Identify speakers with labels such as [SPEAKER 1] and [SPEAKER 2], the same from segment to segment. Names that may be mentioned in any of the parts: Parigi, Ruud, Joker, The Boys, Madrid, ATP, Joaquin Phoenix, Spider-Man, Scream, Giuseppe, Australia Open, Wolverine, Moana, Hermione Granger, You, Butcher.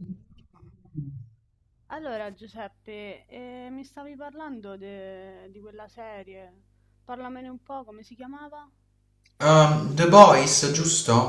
[SPEAKER 1] Ehm,
[SPEAKER 2] Allora, Giuseppe, mi stavi parlando di quella serie. Parlamene un po', come si chiamava?
[SPEAKER 1] The Boys, giusto?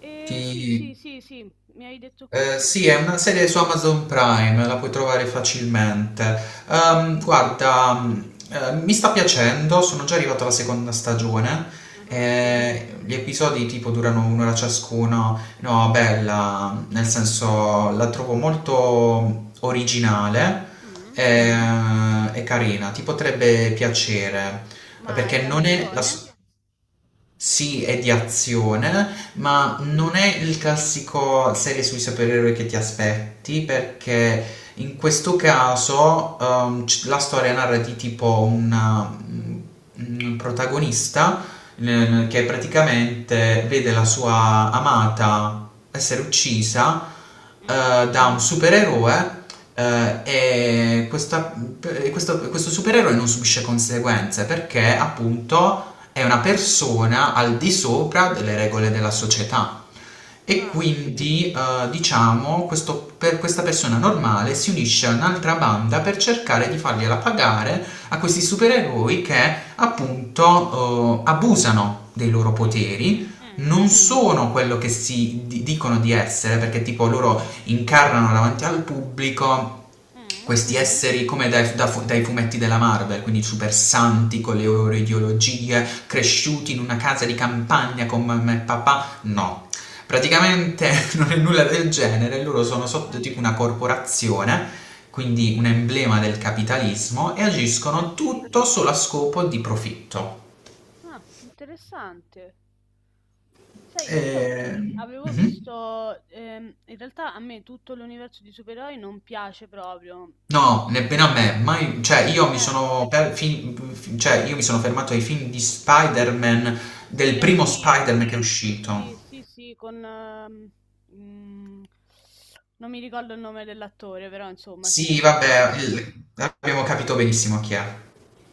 [SPEAKER 2] Sì,
[SPEAKER 1] Ti-
[SPEAKER 2] sì, sì, sì, mi hai detto
[SPEAKER 1] eh,
[SPEAKER 2] così,
[SPEAKER 1] sì,
[SPEAKER 2] sì,
[SPEAKER 1] è
[SPEAKER 2] sì.
[SPEAKER 1] una serie su Amazon Prime, la puoi trovare facilmente. Guarda, mi sta piacendo, sono già arrivato alla seconda stagione.
[SPEAKER 2] Ah,
[SPEAKER 1] Gli episodi tipo durano un'ora ciascuno. No, bella, nel senso la trovo molto originale
[SPEAKER 2] mm,
[SPEAKER 1] eh, e, carina, ti potrebbe piacere.
[SPEAKER 2] ma è
[SPEAKER 1] Perché non è la.
[SPEAKER 2] d'azione?
[SPEAKER 1] Sì, è di azione, ma
[SPEAKER 2] Mm,
[SPEAKER 1] non è il classico serie sui supereroi che ti aspetti perché in questo caso, la storia narra di tipo un protagonista che praticamente vede la sua amata essere uccisa
[SPEAKER 2] mm.
[SPEAKER 1] da un supereroe eh, e questa- e questo supereroe non subisce conseguenze perché appunto è una persona al di sopra delle regole della società. E
[SPEAKER 2] Ah,
[SPEAKER 1] quindi, diciamo, per questa persona normale si unisce a un'altra banda per cercare di fargliela pagare a questi supereroi che appunto abusano dei loro
[SPEAKER 2] mm,
[SPEAKER 1] poteri,
[SPEAKER 2] mm,
[SPEAKER 1] non sono quello che si dicono di essere, perché tipo loro incarnano davanti al pubblico
[SPEAKER 2] mm,
[SPEAKER 1] questi esseri come dai fumetti della Marvel, quindi super
[SPEAKER 2] sì.
[SPEAKER 1] santi con le loro ideologie, cresciuti in una casa di campagna con mamma e papà. No, praticamente non è nulla del genere, loro sono
[SPEAKER 2] Ah,
[SPEAKER 1] sotto tipo una corporazione, quindi un emblema del capitalismo, e agiscono
[SPEAKER 2] sì.
[SPEAKER 1] tutto solo a scopo di profitto.
[SPEAKER 2] Ah, interessante. Sai, io
[SPEAKER 1] Ehm,
[SPEAKER 2] avevo
[SPEAKER 1] mhm.
[SPEAKER 2] visto, in realtà a me tutto l'universo di supereroi non piace proprio. Mm,
[SPEAKER 1] No, nemmeno a me, mai, cioè io mi
[SPEAKER 2] eh,
[SPEAKER 1] sono per- fin- fin- cioè, io mi sono fermato ai film di Spider-Man, del
[SPEAKER 2] sì,
[SPEAKER 1] primo
[SPEAKER 2] anch'io.
[SPEAKER 1] Spider-Man che è uscito.
[SPEAKER 2] Sì, sì, sì, con, mm, non mi ricordo il nome dell'attore, però insomma ci
[SPEAKER 1] Sì,
[SPEAKER 2] siamo capiti.
[SPEAKER 1] vabbè, il- abbiamo capito benissimo chi è.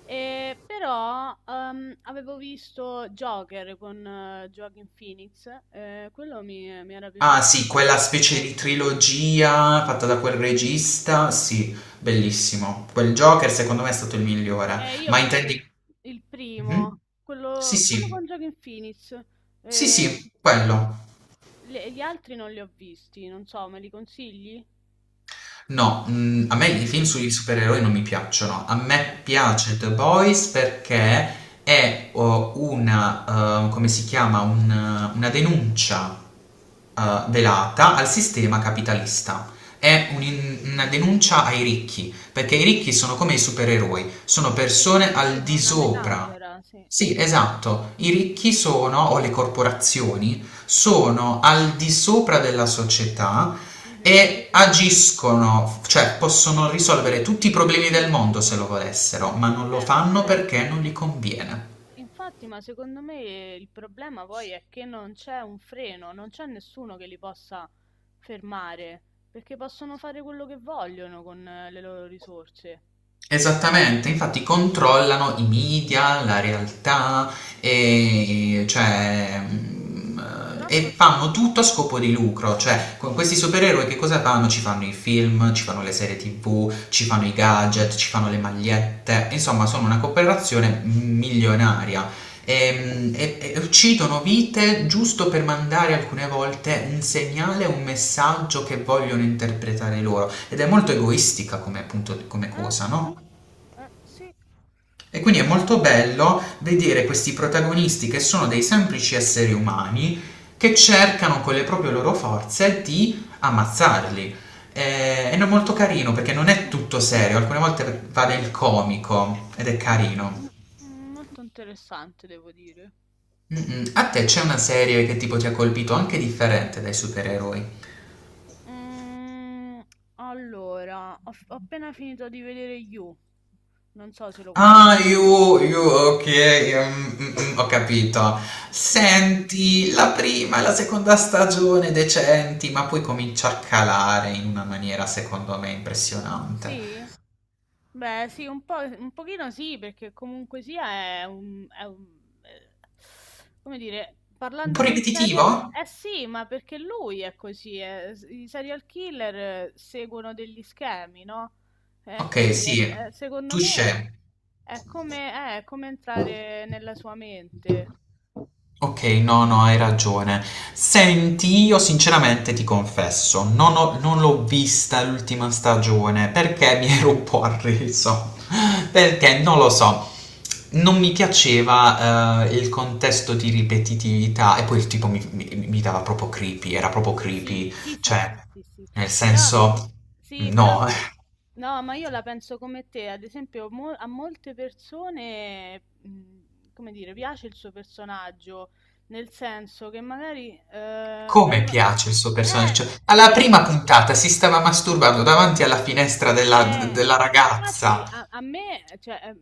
[SPEAKER 2] E, però avevo visto Joker con Joaquin Phoenix, quello mi era
[SPEAKER 1] Ah
[SPEAKER 2] piaciuto
[SPEAKER 1] sì, quella specie
[SPEAKER 2] tantissimo.
[SPEAKER 1] di trilogia fatta da quel regista, sì, bellissimo. Quel Joker secondo me è stato il migliore,
[SPEAKER 2] Io ho
[SPEAKER 1] ma
[SPEAKER 2] visto il,
[SPEAKER 1] intendi...
[SPEAKER 2] il primo,
[SPEAKER 1] Mhm. Sì,
[SPEAKER 2] quello
[SPEAKER 1] sì,
[SPEAKER 2] con Joaquin Phoenix.
[SPEAKER 1] sì,
[SPEAKER 2] Eh,
[SPEAKER 1] sì, quello.
[SPEAKER 2] gli altri non li ho visti, non so, me li consigli?
[SPEAKER 1] No, a me i film sui supereroi non mi piacciono. A me piace The Boys perché è o una, come si chiama, un una denuncia, velata al sistema capitalista. È
[SPEAKER 2] Mm, mm.
[SPEAKER 1] un'in una denuncia ai ricchi, perché i ricchi sono come i supereroi, sono
[SPEAKER 2] Sì,
[SPEAKER 1] persone
[SPEAKER 2] sì,
[SPEAKER 1] al
[SPEAKER 2] è
[SPEAKER 1] di
[SPEAKER 2] una
[SPEAKER 1] sopra.
[SPEAKER 2] metafora, sì.
[SPEAKER 1] Sì, esatto, i ricchi sono, o le corporazioni, sono al di sopra della società
[SPEAKER 2] Mhm.
[SPEAKER 1] e agiscono, cioè
[SPEAKER 2] Eh
[SPEAKER 1] possono
[SPEAKER 2] sì,
[SPEAKER 1] risolvere tutti i
[SPEAKER 2] sì, sì,
[SPEAKER 1] problemi del
[SPEAKER 2] sì.
[SPEAKER 1] mondo se lo volessero, ma non lo
[SPEAKER 2] Eh,
[SPEAKER 1] fanno perché non gli
[SPEAKER 2] eh,
[SPEAKER 1] conviene.
[SPEAKER 2] Infatti, ma secondo me il problema poi è che non c'è un freno, non c'è nessuno che li possa fermare, perché possono fare quello che vogliono con le loro risorse.
[SPEAKER 1] Esattamente, infatti controllano i media, la realtà
[SPEAKER 2] Eh sì,
[SPEAKER 1] e, cioè, mm,
[SPEAKER 2] purtroppo
[SPEAKER 1] e
[SPEAKER 2] è
[SPEAKER 1] fanno
[SPEAKER 2] così.
[SPEAKER 1] tutto a scopo di lucro, cioè con questi supereroi che cosa fanno? Ci fanno i film, ci fanno le serie TV, ci fanno i
[SPEAKER 2] Eh,
[SPEAKER 1] gadget, ci fanno le magliette, insomma sono una cooperazione milionaria. E uccidono vite giusto per mandare alcune volte un segnale, un messaggio che vogliono interpretare loro ed è molto egoistica come, appunto, come
[SPEAKER 2] eh,
[SPEAKER 1] cosa, no?
[SPEAKER 2] sì.
[SPEAKER 1] E quindi è molto bello vedere questi protagonisti che sono dei semplici esseri umani che cercano con le proprie loro forze di ammazzarli. Ed è no, molto carino perché non è
[SPEAKER 2] Mm,
[SPEAKER 1] tutto serio, alcune
[SPEAKER 2] sì.
[SPEAKER 1] volte va nel comico ed è
[SPEAKER 2] Mm,
[SPEAKER 1] carino.
[SPEAKER 2] Molto interessante, devo dire.
[SPEAKER 1] Mm-mm. A te c'è una serie che tipo ti ha colpito anche differente dai supereroi?
[SPEAKER 2] Mhmm, allora, ho appena finito di vedere You. Non so se lo
[SPEAKER 1] Ah,
[SPEAKER 2] conosci.
[SPEAKER 1] you, you, ok, mm, mm, mm, ho capito. Senti, la prima e la seconda stagione decenti, ma poi comincia a calare in una maniera secondo me impressionante.
[SPEAKER 2] Sì? Beh, sì, un po' un pochino sì, perché comunque sia è un eh, come dire,
[SPEAKER 1] Un po'
[SPEAKER 2] parlando di un
[SPEAKER 1] ripetitivo?
[SPEAKER 2] seria eh sì, ma perché lui è così, i serial killer seguono degli schemi, no,
[SPEAKER 1] Ok,
[SPEAKER 2] quindi è s
[SPEAKER 1] sì,
[SPEAKER 2] è secondo me
[SPEAKER 1] touché.
[SPEAKER 2] è come entrare nella sua mente.
[SPEAKER 1] Okay, no, no, hai ragione. Senti, io sinceramente ti confesso, non l'ho vista l'ultima stagione perché mi ero un po' arreso, perché non lo so, non mi piaceva, il contesto di ripetitività e poi il tipo mi dava proprio creepy, era proprio
[SPEAKER 2] Sì,
[SPEAKER 1] creepy,
[SPEAKER 2] sì, sì,
[SPEAKER 1] cioè
[SPEAKER 2] sì, sì, sì.
[SPEAKER 1] nel
[SPEAKER 2] Però,
[SPEAKER 1] senso
[SPEAKER 2] sì, però,
[SPEAKER 1] no,
[SPEAKER 2] no, ma io la penso come te. Ad esempio, a molte persone, come dire, piace il suo personaggio, nel senso che magari
[SPEAKER 1] come
[SPEAKER 2] vengono.
[SPEAKER 1] piace il suo personaggio,
[SPEAKER 2] Eh,
[SPEAKER 1] cioè alla prima
[SPEAKER 2] sì,
[SPEAKER 1] puntata si stava masturbando davanti alla finestra della d della ragazza.
[SPEAKER 2] infatti a me, cioè, eh,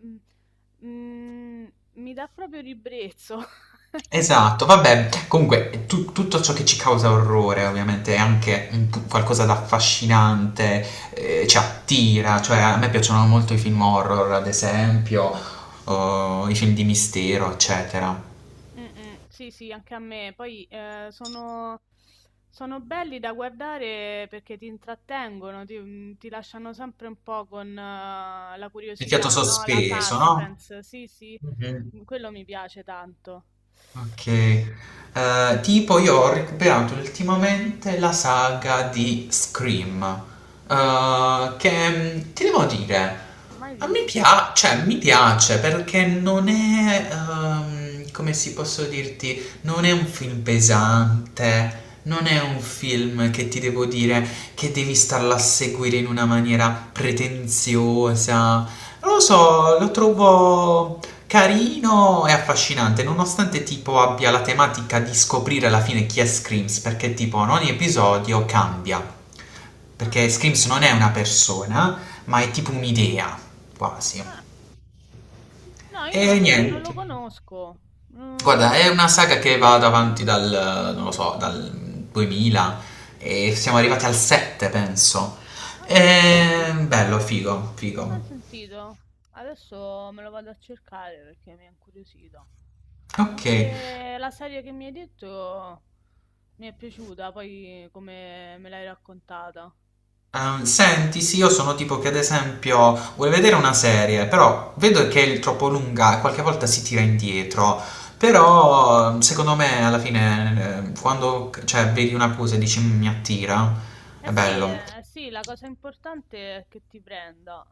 [SPEAKER 2] mh, mh, mi dà proprio ribrezzo.
[SPEAKER 1] Esatto, vabbè, comunque tutto ciò che ci causa orrore ovviamente è anche qualcosa d'affascinante, ci attira, cioè a me piacciono molto i film horror, ad esempio, o i film di mistero, eccetera.
[SPEAKER 2] Mh-mh. Sì, sì, anche a me. Poi, sono belli da guardare perché ti intrattengono, ti lasciano sempre un po' con la
[SPEAKER 1] Il fiato
[SPEAKER 2] curiosità, no, la
[SPEAKER 1] sospeso, no?
[SPEAKER 2] suspense. Sì, sì,
[SPEAKER 1] Mhm.
[SPEAKER 2] quello mi piace tanto.
[SPEAKER 1] Ok, tipo io ho recuperato ultimamente la saga di Scream, che ti devo dire,
[SPEAKER 2] Mai
[SPEAKER 1] a me
[SPEAKER 2] vista.
[SPEAKER 1] piace, cioè mi piace perché non è, come si posso dirti, non è un film pesante, non è un film che ti devo dire che devi starla a seguire in una maniera pretenziosa, non lo so, lo trovo. Carino e affascinante, nonostante tipo abbia la tematica di scoprire alla fine chi è Screams, perché tipo in ogni episodio cambia.
[SPEAKER 2] Ah,
[SPEAKER 1] Perché
[SPEAKER 2] ah.
[SPEAKER 1] Screams non è una persona, ma è tipo un'idea, quasi.
[SPEAKER 2] Ah. No, io
[SPEAKER 1] E
[SPEAKER 2] non
[SPEAKER 1] niente.
[SPEAKER 2] lo conosco.
[SPEAKER 1] Guarda,
[SPEAKER 2] Quindi.
[SPEAKER 1] è una saga che va davanti dal, non lo so, dal 2000 e siamo arrivati al 7, penso.
[SPEAKER 2] Ah, sì?
[SPEAKER 1] E bello, figo,
[SPEAKER 2] Mai
[SPEAKER 1] figo.
[SPEAKER 2] sentito. Adesso me lo vado a cercare perché mi ha incuriosito.
[SPEAKER 1] Ok,
[SPEAKER 2] Anche la serie che mi hai detto mi è piaciuta, poi come me l'hai raccontata.
[SPEAKER 1] Senti, sì, io sono tipo che ad esempio vuole vedere una serie, però vedo che è troppo lunga e qualche volta si tira indietro. Però secondo me alla fine quando cioè, vedi una cosa e dici "Mm, mi attira, è
[SPEAKER 2] Sì,
[SPEAKER 1] bello."
[SPEAKER 2] eh sì, la cosa importante è che ti prenda.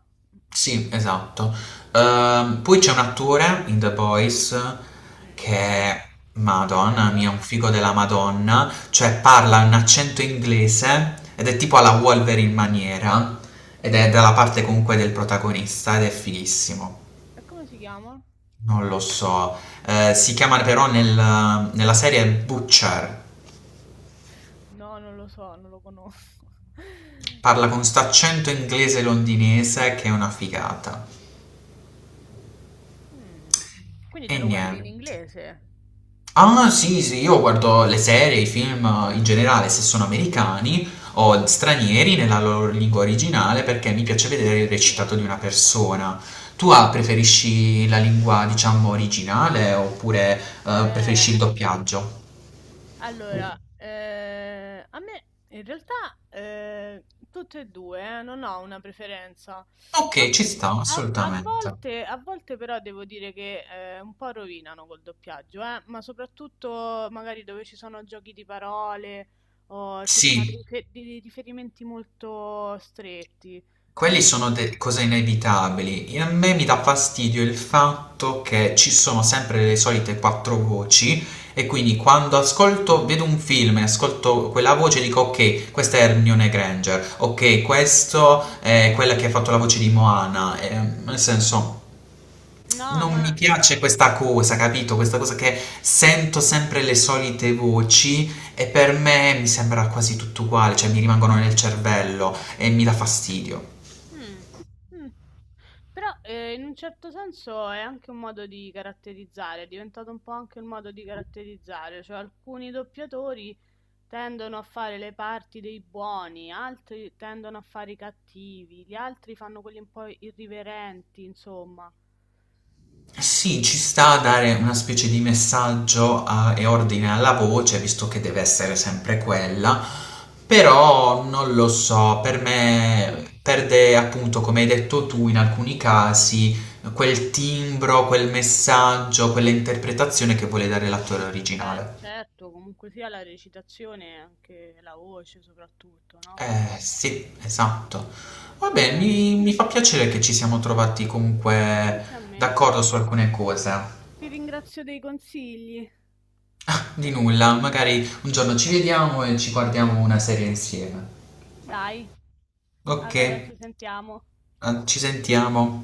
[SPEAKER 1] Sì, esatto. Poi c'è un attore in The Boys che
[SPEAKER 2] Mm,
[SPEAKER 1] è Madonna mia,
[SPEAKER 2] bello.
[SPEAKER 1] un figo della Madonna, cioè parla un accento inglese ed è tipo alla Wolverine maniera ed è dalla parte comunque del protagonista ed è fighissimo.
[SPEAKER 2] E come si chiama?
[SPEAKER 1] Non lo so. Si chiama però nella serie Butcher.
[SPEAKER 2] No, non lo so, non lo conosco.
[SPEAKER 1] Parla con sto accento inglese londinese che è una figata.
[SPEAKER 2] Mm, quindi
[SPEAKER 1] E
[SPEAKER 2] te lo guardi in
[SPEAKER 1] niente.
[SPEAKER 2] inglese?
[SPEAKER 1] Ah, sì, sì, io guardo le serie, i film in generale, se sono americani o stranieri nella loro lingua originale, perché mi piace
[SPEAKER 2] Mm,
[SPEAKER 1] vedere il recitato di una persona. Tu preferisci la lingua, diciamo, originale oppure
[SPEAKER 2] Eh,
[SPEAKER 1] preferisci il doppiaggio?
[SPEAKER 2] Allora, a me in realtà eh, tutte e due, non ho una preferenza. A,
[SPEAKER 1] Ok, ci sta,
[SPEAKER 2] a- a
[SPEAKER 1] assolutamente.
[SPEAKER 2] volte, a volte però devo dire che un po' rovinano col doppiaggio, ma soprattutto magari dove ci sono giochi di parole o ci sono dei,
[SPEAKER 1] Sì.
[SPEAKER 2] dei riferimenti molto stretti.
[SPEAKER 1] Quelli
[SPEAKER 2] Lì
[SPEAKER 1] sono
[SPEAKER 2] sì.
[SPEAKER 1] cose inevitabili. E a me mi dà fastidio il fatto che ci sono sempre le solite quattro voci e quindi quando ascolto, vedo un film e ascolto quella voce dico ok, questa è Hermione Granger, ok, questo
[SPEAKER 2] Mm, mm,
[SPEAKER 1] è
[SPEAKER 2] mm.
[SPEAKER 1] quella che ha fatto la voce di
[SPEAKER 2] Sì.
[SPEAKER 1] Moana. Nel senso,
[SPEAKER 2] No,
[SPEAKER 1] non mi
[SPEAKER 2] ma.
[SPEAKER 1] piace questa cosa, capito? Questa cosa che sento sempre le solite voci e per me mi sembra quasi tutto uguale, cioè mi rimangono nel cervello e mi dà fastidio.
[SPEAKER 2] Mh, mh. Però, in un certo senso è anche un modo di caratterizzare, è diventato un po' anche un modo di caratterizzare, cioè alcuni doppiatori tendono a fare le parti dei buoni, altri tendono a fare i cattivi, gli altri fanno quelli un po' irriverenti, insomma.
[SPEAKER 1] Sì, ci sta a dare una specie di messaggio e ordine alla voce, visto che deve essere sempre quella, però non lo so, per
[SPEAKER 2] Vabbè.
[SPEAKER 1] me perde appunto, come hai detto tu, in alcuni casi quel timbro, quel messaggio, quell'interpretazione che vuole dare
[SPEAKER 2] Mh-mh.
[SPEAKER 1] l'attore
[SPEAKER 2] Beh,
[SPEAKER 1] originale.
[SPEAKER 2] certo, comunque sia la recitazione e anche la voce soprattutto, no?
[SPEAKER 1] Eh sì, esatto. Vabbè,
[SPEAKER 2] Eh,
[SPEAKER 1] mi fa piacere che ci siamo trovati comunque
[SPEAKER 2] anche a me.
[SPEAKER 1] d'accordo su alcune cose.
[SPEAKER 2] Ti ringrazio dei consigli.
[SPEAKER 1] Di nulla, magari un giorno ci vediamo e ci guardiamo una serie insieme.
[SPEAKER 2] Dai.
[SPEAKER 1] Ok,
[SPEAKER 2] Allora, ci sentiamo.
[SPEAKER 1] ci sentiamo.